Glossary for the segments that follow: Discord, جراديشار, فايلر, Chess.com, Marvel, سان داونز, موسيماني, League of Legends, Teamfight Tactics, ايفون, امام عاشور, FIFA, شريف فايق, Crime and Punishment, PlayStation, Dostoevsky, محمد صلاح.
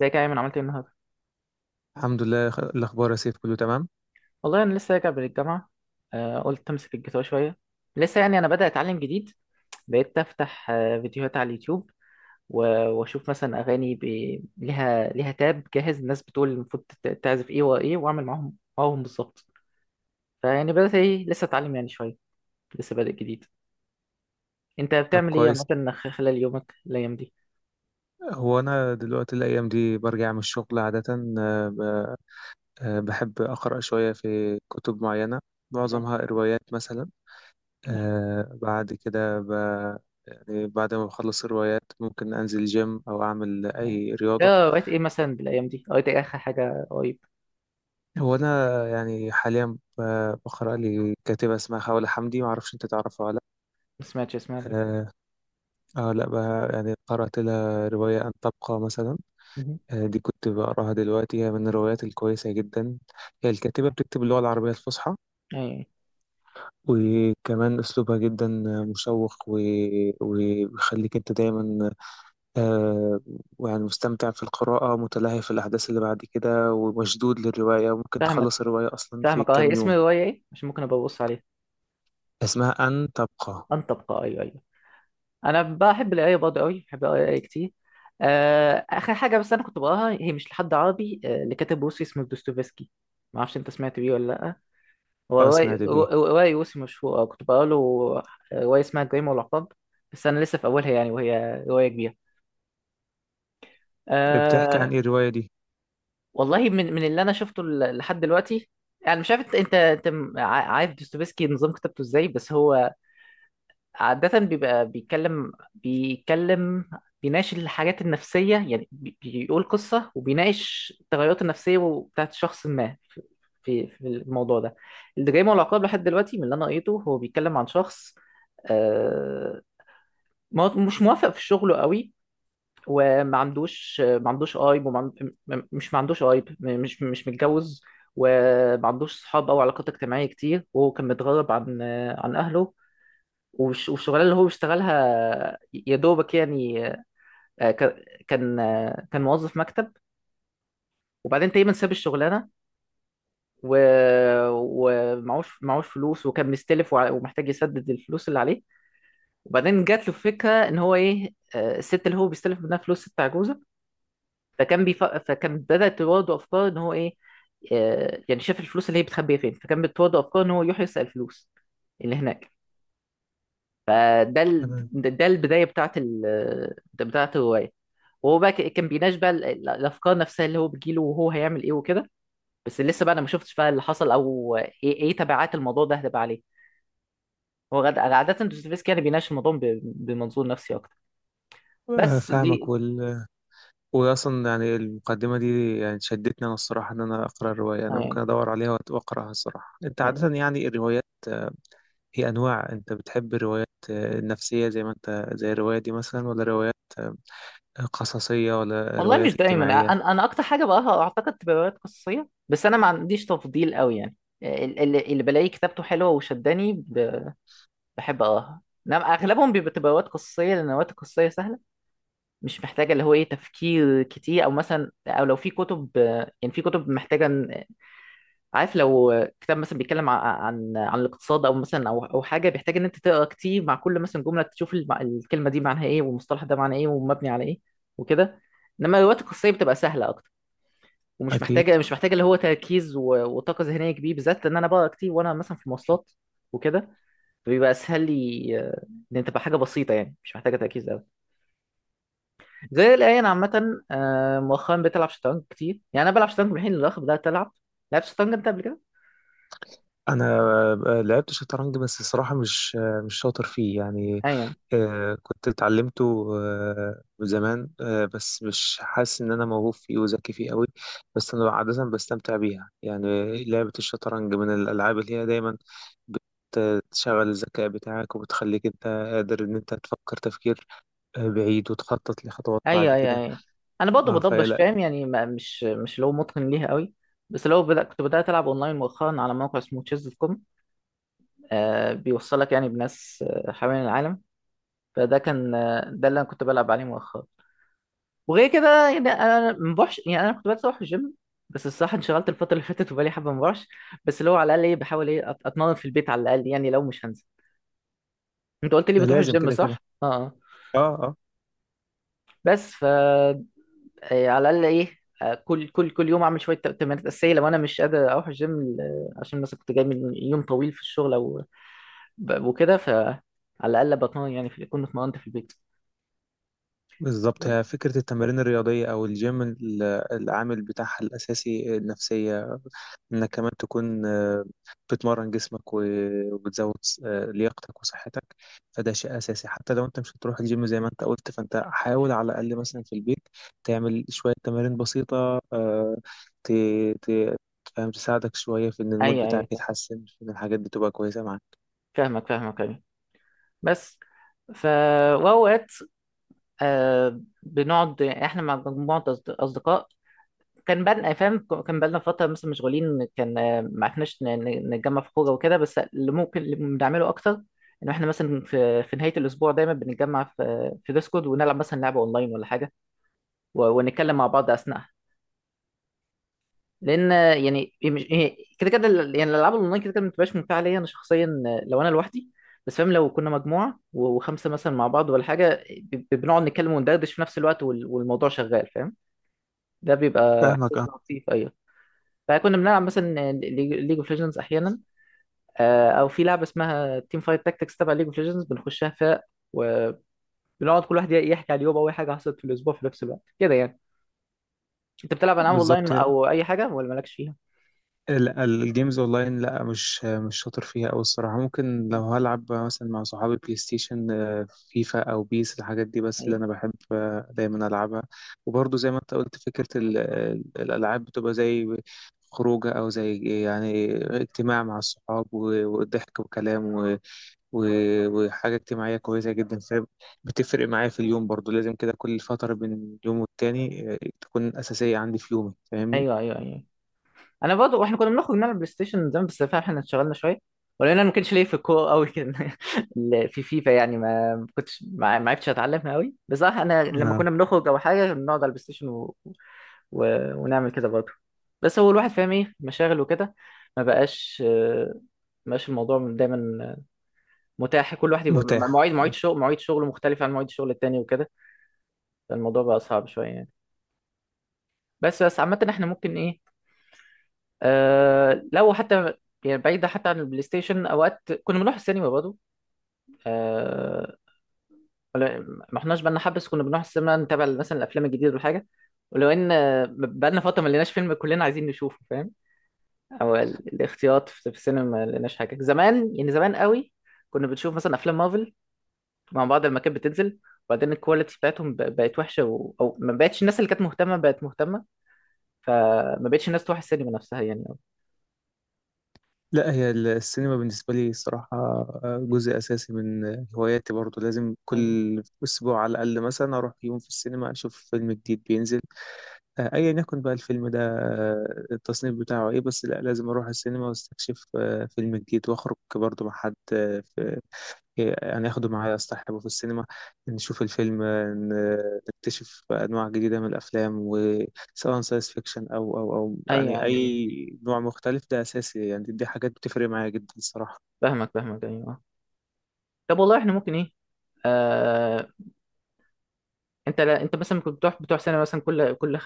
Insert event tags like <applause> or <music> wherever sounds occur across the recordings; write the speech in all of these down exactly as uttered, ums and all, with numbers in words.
ازيك يا ايمن عملت ايه النهارده؟ الحمد لله خ- الأخبار يا سيف كله تمام. والله انا لسه راجع من الجامعه. آه قلت امسك الجيتار شويه. لسه يعني انا بدأ اتعلم جديد. بقيت افتح آه فيديوهات على اليوتيوب، و- واشوف مثلا اغاني ب... لها لها تاب جاهز. الناس بتقول المفروض تت- تعزف ايه وايه، واعمل معاهم معاهم بالظبط. فيعني بدأت ايه لسه اتعلم يعني شويه، لسه بادئ جديد. انت طب بتعمل ايه كويس. مثلا خلال يومك الايام دي؟ هو أنا دلوقتي الأيام دي برجع من الشغل عادة. آه، ب- آه، بحب أقرأ شوية في كتب معينة، اه، معظمها روايات مثلا. آه، بعد كده ب... يعني بعد ما بخلص الروايات ممكن أنزل جيم أو أعمل آه. أي رياضة. آه، قريت ايه مثلا بالايام دي؟ قريت ايه اخر حاجه قريب؟ هو أنا يعني حاليا ب- بقرأ لي كاتبة اسمها خولة حمدي، معرفش أنت تعرفها ولا. ما سمعتش اسمها لأ قبل كده. آه آه، لأ ب- يعني قرأت لها رواية أن تبقى مثلا. مهم. آه، دي كنت بقراها دلوقتي، هي من الروايات الكويسة جدا. هي الكاتبة بتكتب اللغة العربية الفصحى، ايوه. وكمان أسلوبها جدا مشوق و... وبيخليك أنت دايما آه، يعني مستمتع في القراءة، متلهي في الأحداث اللي بعد كده ومشدود للرواية، وممكن فاهمك، تخلص الرواية أصلا في فاهمك، اه. هي كام اسم يوم. الرواية ايه؟ مش ممكن ابقى ابص عليها. اسمها أن تبقى. ان تبقى. ايوه ايوه. انا بحب القراية برضه قوي، بحب القراية كتير. آه، اخر حاجة بس انا كنت بقراها هي مش لحد عربي، آه، لكاتب روسي اسمه دوستويفسكي. ما اعرفش انت سمعت بيه ولا لا. هو أه رواية سمعت بيه. رواية روسي مشهورة، آه، كنت بقرا له. آه، رواية اسمها الجريمة والعقاب. بس انا لسه في اولها يعني، وهي رواية كبيرة. بتحكي أه. عن إيه الرواية دي؟ والله، من من اللي انا شفته ل- لحد دلوقتي، يعني مش عارف انت انت أنت م- ع- عارف دوستويفسكي نظام كتابته ازاي. بس هو عادة بيبقى بيتكلم بيتكلم، بيناقش الحاجات النفسية. يعني بي- بيقول قصة وبيناقش التغيرات النفسية بتاعت شخص ما في في في الموضوع ده. الجريمة والعقاب لحد دلوقتي من اللي أنا قريته هو بيتكلم عن شخص، آه، ما- مش موافق في شغله قوي، وما عندوش ما عندوش قايب، وما عند- م- مش ما عندوش قايب م- مش مش متجوز، وما عندوش صحاب او علاقات اجتماعيه كتير، وهو كان متغرب عن عن اهله والش- والشغلانه اللي هو بيشتغلها يا دوبك يعني. آه، ك- كان آه، كان موظف مكتب، وبعدين تقريبا ساب الشغلانه و... ومعوش معوش فلوس، وكان مستلف وع- ومحتاج يسدد الفلوس اللي عليه. وبعدين جات له فكره ان هو ايه، آه، الست اللي هو بيستلف منها فلوس ست عجوزه. فكان بيف... فكان بدات تواجهه افكار ان هو ايه، آه، يعني شاف الفلوس اللي هي بتخبيها فين، فكان بتواجهه افكار ان هو يروح يسرق الفلوس اللي هناك. فده ال... تمام. ده البدايه بتاعت ال... ده بتاعت الروايه. وهو بقى ك- كان بيناقش بقى ال- ال- الافكار نفسها اللي هو بتجيله، وهو هيعمل ايه وكده. بس لسه بقى انا ما شفتش بقى اللي حصل، او ايه ايه تبعات الموضوع ده هتبقى عليه. هو غد... عاده دوستويفسكي يعني بيناقش الموضوع ب... بمنظور نفسي اكتر. آه، بس فاهمك دي. وال... واصلا يعني المقدمه دي يعني شدتني انا الصراحه ان انا اقرا الروايه، انا آه، ممكن ادور عليها وأت- واقراها الصراحه. انت آه. عاده يعني الروايات، آه، هي انواع، انت بتحب الروايات آه، النفسيه زي ما انت، زي الروايه دي مثلا، ولا روايات آه، قصصيه، ولا والله روايات مش دايما، اجتماعيه؟ انا انا اكتر حاجه بقراها اعتقد تبقى روايات قصصيه، بس انا ما عنديش تفضيل قوي يعني. ال- ال- اللي بلاقي كتابته حلوه وشداني ب... بحب اقراها. انما اغلبهم بيبقى تبقى روايات قصصيه، لان الروايات القصصيه سهله، مش محتاجه اللي هو ايه تفكير كتير، او مثلا او لو في كتب، آه، يعني في كتب محتاجه إن- عارف، لو آه، كتاب مثلا بيتكلم ع- عن عن الاقتصاد او مثلا او او حاجه، بيحتاج ان انت تقرا كتير مع كل مثلا جمله، تشوف الم- الكلمه دي معناها ايه، والمصطلح ده معناه ايه ومبني على ايه وكده. انما الروايات القصيه بتبقى سهله اكتر، ومش اكيد. محتاجه مش محتاجه اللي هو تركيز و- وطاقه ذهنيه كبيره، بالذات لان انا بقرا كتير وانا مثلا في مواصلات وكده. فبيبقى اسهل لي، آه، ان تبقى حاجه بسيطه يعني مش محتاجه تركيز. زي الآن عامة، آه، مؤخرا بتلعب شطرنج كتير. يعني أنا بلعب شطرنج من الحين للآخر، بدأت ألعب. لعبت شطرنج أنت قبل كده؟ انا آه، لعبت شطرنج بس الصراحه مش آه، مش شاطر فيه يعني. أيوه آه، كنت اتعلمته آه، من زمان، آه، بس مش حاسس ان انا موهوب فيه وذكي فيه قوي. بس انا عاده بستمتع بيها يعني. لعبه الشطرنج من الالعاب اللي هي دايما بتشغل الذكاء بتاعك، وبتخليك انت قادر ان انت تفكر تفكير آه، بعيد، وتخطط لخطوات بعد أيوه أيوه كده. أيوه. أنا برضه اه بضبش فلا. فاهم، يعني ما مش مش اللي هو متقن ليها قوي. بس لو بدأ، كنت بدأت ألعب أونلاين مؤخرا على موقع اسمه تشيز دوت كوم. آه، بيوصلك يعني بناس آه، حوالين العالم. فده كان، آه، ده اللي أنا كنت بلعب عليه مؤخرا. وغير كده يعني أنا ما بروحش، يعني أنا كنت بدأت أروح الجيم، بس الصراحة انشغلت الفترة اللي فاتت وبقالي حبة ما بروحش. بس اللي هو على الأقل إيه، بحاول إيه أت- أتمرن في البيت على الأقل، يعني لو مش هنزل. انت قلت لي ده بتروح لازم الجيم كده كده. صح؟ اه، آه. اه آه. بس ف، إيه، على الاقل ايه، آه، كل كل كل يوم اعمل شويه تمارين اساسيه لو انا مش قادر اروح الجيم، ل- عشان مثلا كنت جاي من يوم طويل في الشغل او ب- وكده. فعلى الاقل بطمن يعني في- كنت اتمرنت في البيت. بالظبط. هي فكرة التمارين الرياضية أو الجيم ال- العامل بتاعها الأساسي النفسية، إنك كمان تكون آه، بتمرن جسمك و- وبتزود س- آه، لياقتك وصحتك. فده شيء أساسي، حتى لو أنت مش هتروح الجيم زي ما أنت قلت، فأنت حاول على الأقل مثلا في البيت تعمل شوية تمارين بسيطة، آه، ت... ت... فاهم، تساعدك شوية في إن المود ايوه بتاعك ايوه، يتحسن، في إن الحاجات دي تبقى كويسة معاك. فاهمك فاهمك ايوه. بس ف، واوقات، آه بنقعد احنا مع مجموعه أصد- اصدقاء. كان بالنا فاهم، كان بالنا فترة مثلا مشغولين، كان آه، ما عرفناش ن- ن- نتجمع في خروجة وكده. بس اللي ممكن اللي بنعمله أكتر إن إحنا مثلا في في نهاية الأسبوع دايما بنتجمع في في ديسكورد ونلعب مثلا لعبة أونلاين ولا حاجة و- ونتكلم مع بعض أثناءها. لأن آه، يعني هي مش- هي كده كده ال- يعني الألعاب الأونلاين كده كده ما بتبقاش ممتعة ليا أنا شخصيا، آه، لو أنا لوحدي. بس فاهم، لو كنا مجموعة و- وخمسة مثلا مع بعض ولا حاجة، ب- بنقعد نتكلم وندردش في نفس الوقت وال- والموضوع شغال فاهم. ده بيبقى فاهمك أه. إحساس لطيف أيوة. فكنا بنلعب مثلا ليج اوف ليجندز احيانا، آه، او في لعبه اسمها تيم فايت تاكتكس تبع ليج اوف ليجندز، بنخشها فرق، وبنقعد كل واحد يحكي على اليوم او اي حاجه حصلت في الاسبوع، في نفس الوقت كده يعني. انت بتلعب العاب اونلاين بالظبط. او اي حاجه ولا مالكش فيها؟ لا الجيمز اونلاين لا، مش مش شاطر فيها أوي الصراحه. ممكن لو هلعب مثلا مع صحابي بلاي ستيشن، آه، فيفا او بيس الحاجات دي، بس اللي ايوه انا بحب آه، دايما العبها. وبرضه زي ما انت قلت، فكره ال- ال- الالعاب بتبقى زي خروجه، او زي يعني اجتماع مع الصحاب، و- وضحك وكلام و- و- وحاجه اجتماعيه كويسه جدا، فبتفرق معايا في اليوم برضه. لازم كده كل فتره بين يوم والتاني آه، تكون اساسيه عندي في يومي، فاهمني؟ ايوه ايوه ايوه. انا برضه، واحنا كنا بنخرج نلعب بلاي ستيشن زمان، بس فعلا احنا اتشغلنا شويه، ولان انا ما كانش ليا في الكوره قوي كده <laughs> ال- في فيفا يعني ما ما كنتش، ما ما عرفتش اتعلمها قوي بصراحه. انا لما آه. كنا بنخرج او حاجه بنقعد على البلاي ستيشن و... ونعمل كده برضه. بس هو الواحد فاهم ايه مشاغل وكده، ما بقاش آه، ما بقاش الموضوع دايما متاح، كل واحد يبقى م- متاحه. مواعيد مواعيد شغل، مواعيد شغل مختلفة عن مواعيد الشغل التاني وكده. فالموضوع بقى صعب شوية يعني. بس بس عامة احنا ممكن ايه، آه لو حتى يعني بعيدة حتى عن البلاي ستيشن، اوقات كنا بنروح السينما برضه. آه. ولا- ما احناش، بقالنا حبة بس كنا بنروح السينما نتابع مثلا الافلام الجديدة والحاجة. ولو ان آه، بقالنا فترة ما لقيناش فيلم كلنا عايزين نشوفه فاهم، او ال- الاختيارات في في السينما ما لقيناش حاجه. زمان يعني زمان قوي كنا بنشوف مثلا افلام مارفل مع بعض لما كانت بتنزل، وبعدين الكواليتي بتاعتهم ب- بقت وحشه و... او ما بقتش الناس اللي كانت مهتمه بقت مهتمه، فما بقتش الناس تروح السينما نفسها يعني أوي. لا هي ال- السينما بالنسبة لي الصراحة آه، جزء أساسي من هواياتي برضو. لازم ايوه كل أسبوع على الأقل مثلا أروح يوم في السينما أشوف فيلم جديد بينزل، آه، أيا يكن بقى الفيلم ده آه، التصنيف بتاعه إيه، بس لا لازم أروح السينما وأستكشف آه، فيلم جديد، وأخرج برضو مع حد يعني، اخده معايا اصطحبه في السينما، نشوف الفيلم، ن- نكتشف انواع جديده من الافلام، وسواء ساينس فيكشن او او او ايوه يعني ايوه أيوة. اي نوع مختلف، ده اساسي. يعني دي حاجات بتفرق معايا جدا الصراحه. فاهمك فاهمك ايوه. طب والله احنا ممكن ايه، آه... انت لا... انت مثلا كنت بتروح بتروح سينما مثلا كل كل خ-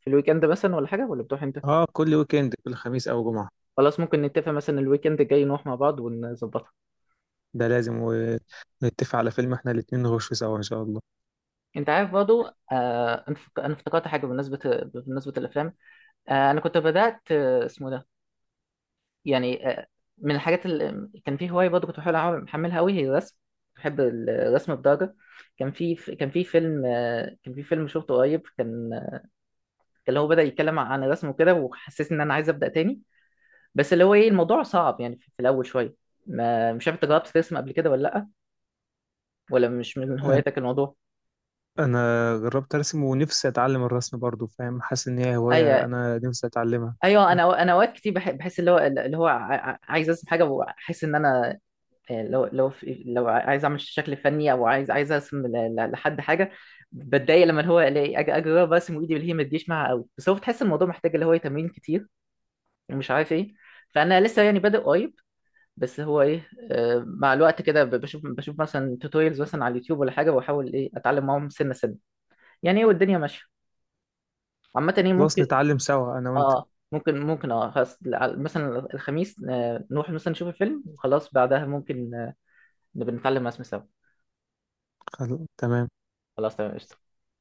في الويك اند مثلا ولا حاجه، ولا بتروح انت؟ اه كل ويكند، كل خميس او جمعه. خلاص، ممكن نتفق مثلا الويك اند الجاي نروح مع بعض ونظبطها. ده لازم، ونتفق على فيلم احنا الاتنين نخشه سوا ان شاء الله. انت عارف برضو، آه انا فك- أنا افتكرت حاجه بالنسبه، بالنسبه للافلام. آه انا كنت بدات آه اسمه ده يعني آه من الحاجات اللي كان في هوايه برضو، كنت بحاول أعمل- محملها قوي هي الرسم. بحب الرسم بدرجه، كان في كان في فيلم، آه كان في فيلم شفته قريب، كان كان هو بدا يتكلم عن الرسم وكده، وحسيت ان انا عايز ابدا تاني. بس اللي هو ايه الموضوع صعب يعني في الاول شويه. ما مش عارف انت جربت ترسم قبل كده ولا لا، ولا مش من انا هواياتك الموضوع؟ أنا جربت ارسم ونفسي اتعلم الرسم برضو، فاهم، حاسس ان هي اي، هوايه انا نفسي اتعلمها. ايوه. انا أو- انا اوقات كتير بح- بحس اللي هو اللي هو ع- ع- عايز ارسم حاجه، وحاسس ان انا آه، لو لو في- لو ع- عايز اعمل شكل فني، او عايز عايز ارسم ل- ل- لحد حاجه. بتضايق لما اللي هو الاقي أج- اجرب ارسم وايدي اللي هي ما تجيش معاها قوي. بس هو بتحس الموضوع محتاج اللي هو تمرين كتير، ومش عارف ايه. فانا لسه يعني بادئ قريب، بس هو ايه، آه، مع الوقت كده ب- بشوف بشوف مثلا توتوريالز مثلا على اليوتيوب ولا حاجه، واحاول ايه اتعلم معاهم سنه سنه يعني ايه، والدنيا ماشيه. عامه ايه خلاص ممكن. نتعلم سوا انا وانت. اه ممكن، ممكن. اه خلاص، على- مثلا الخميس، آه، نروح مثلا نشوف الفيلم وخلاص، بعدها ممكن آه، نبقى نتعلم مع اسم سوا. خلاص، تمام. خلاص تمام قشطة.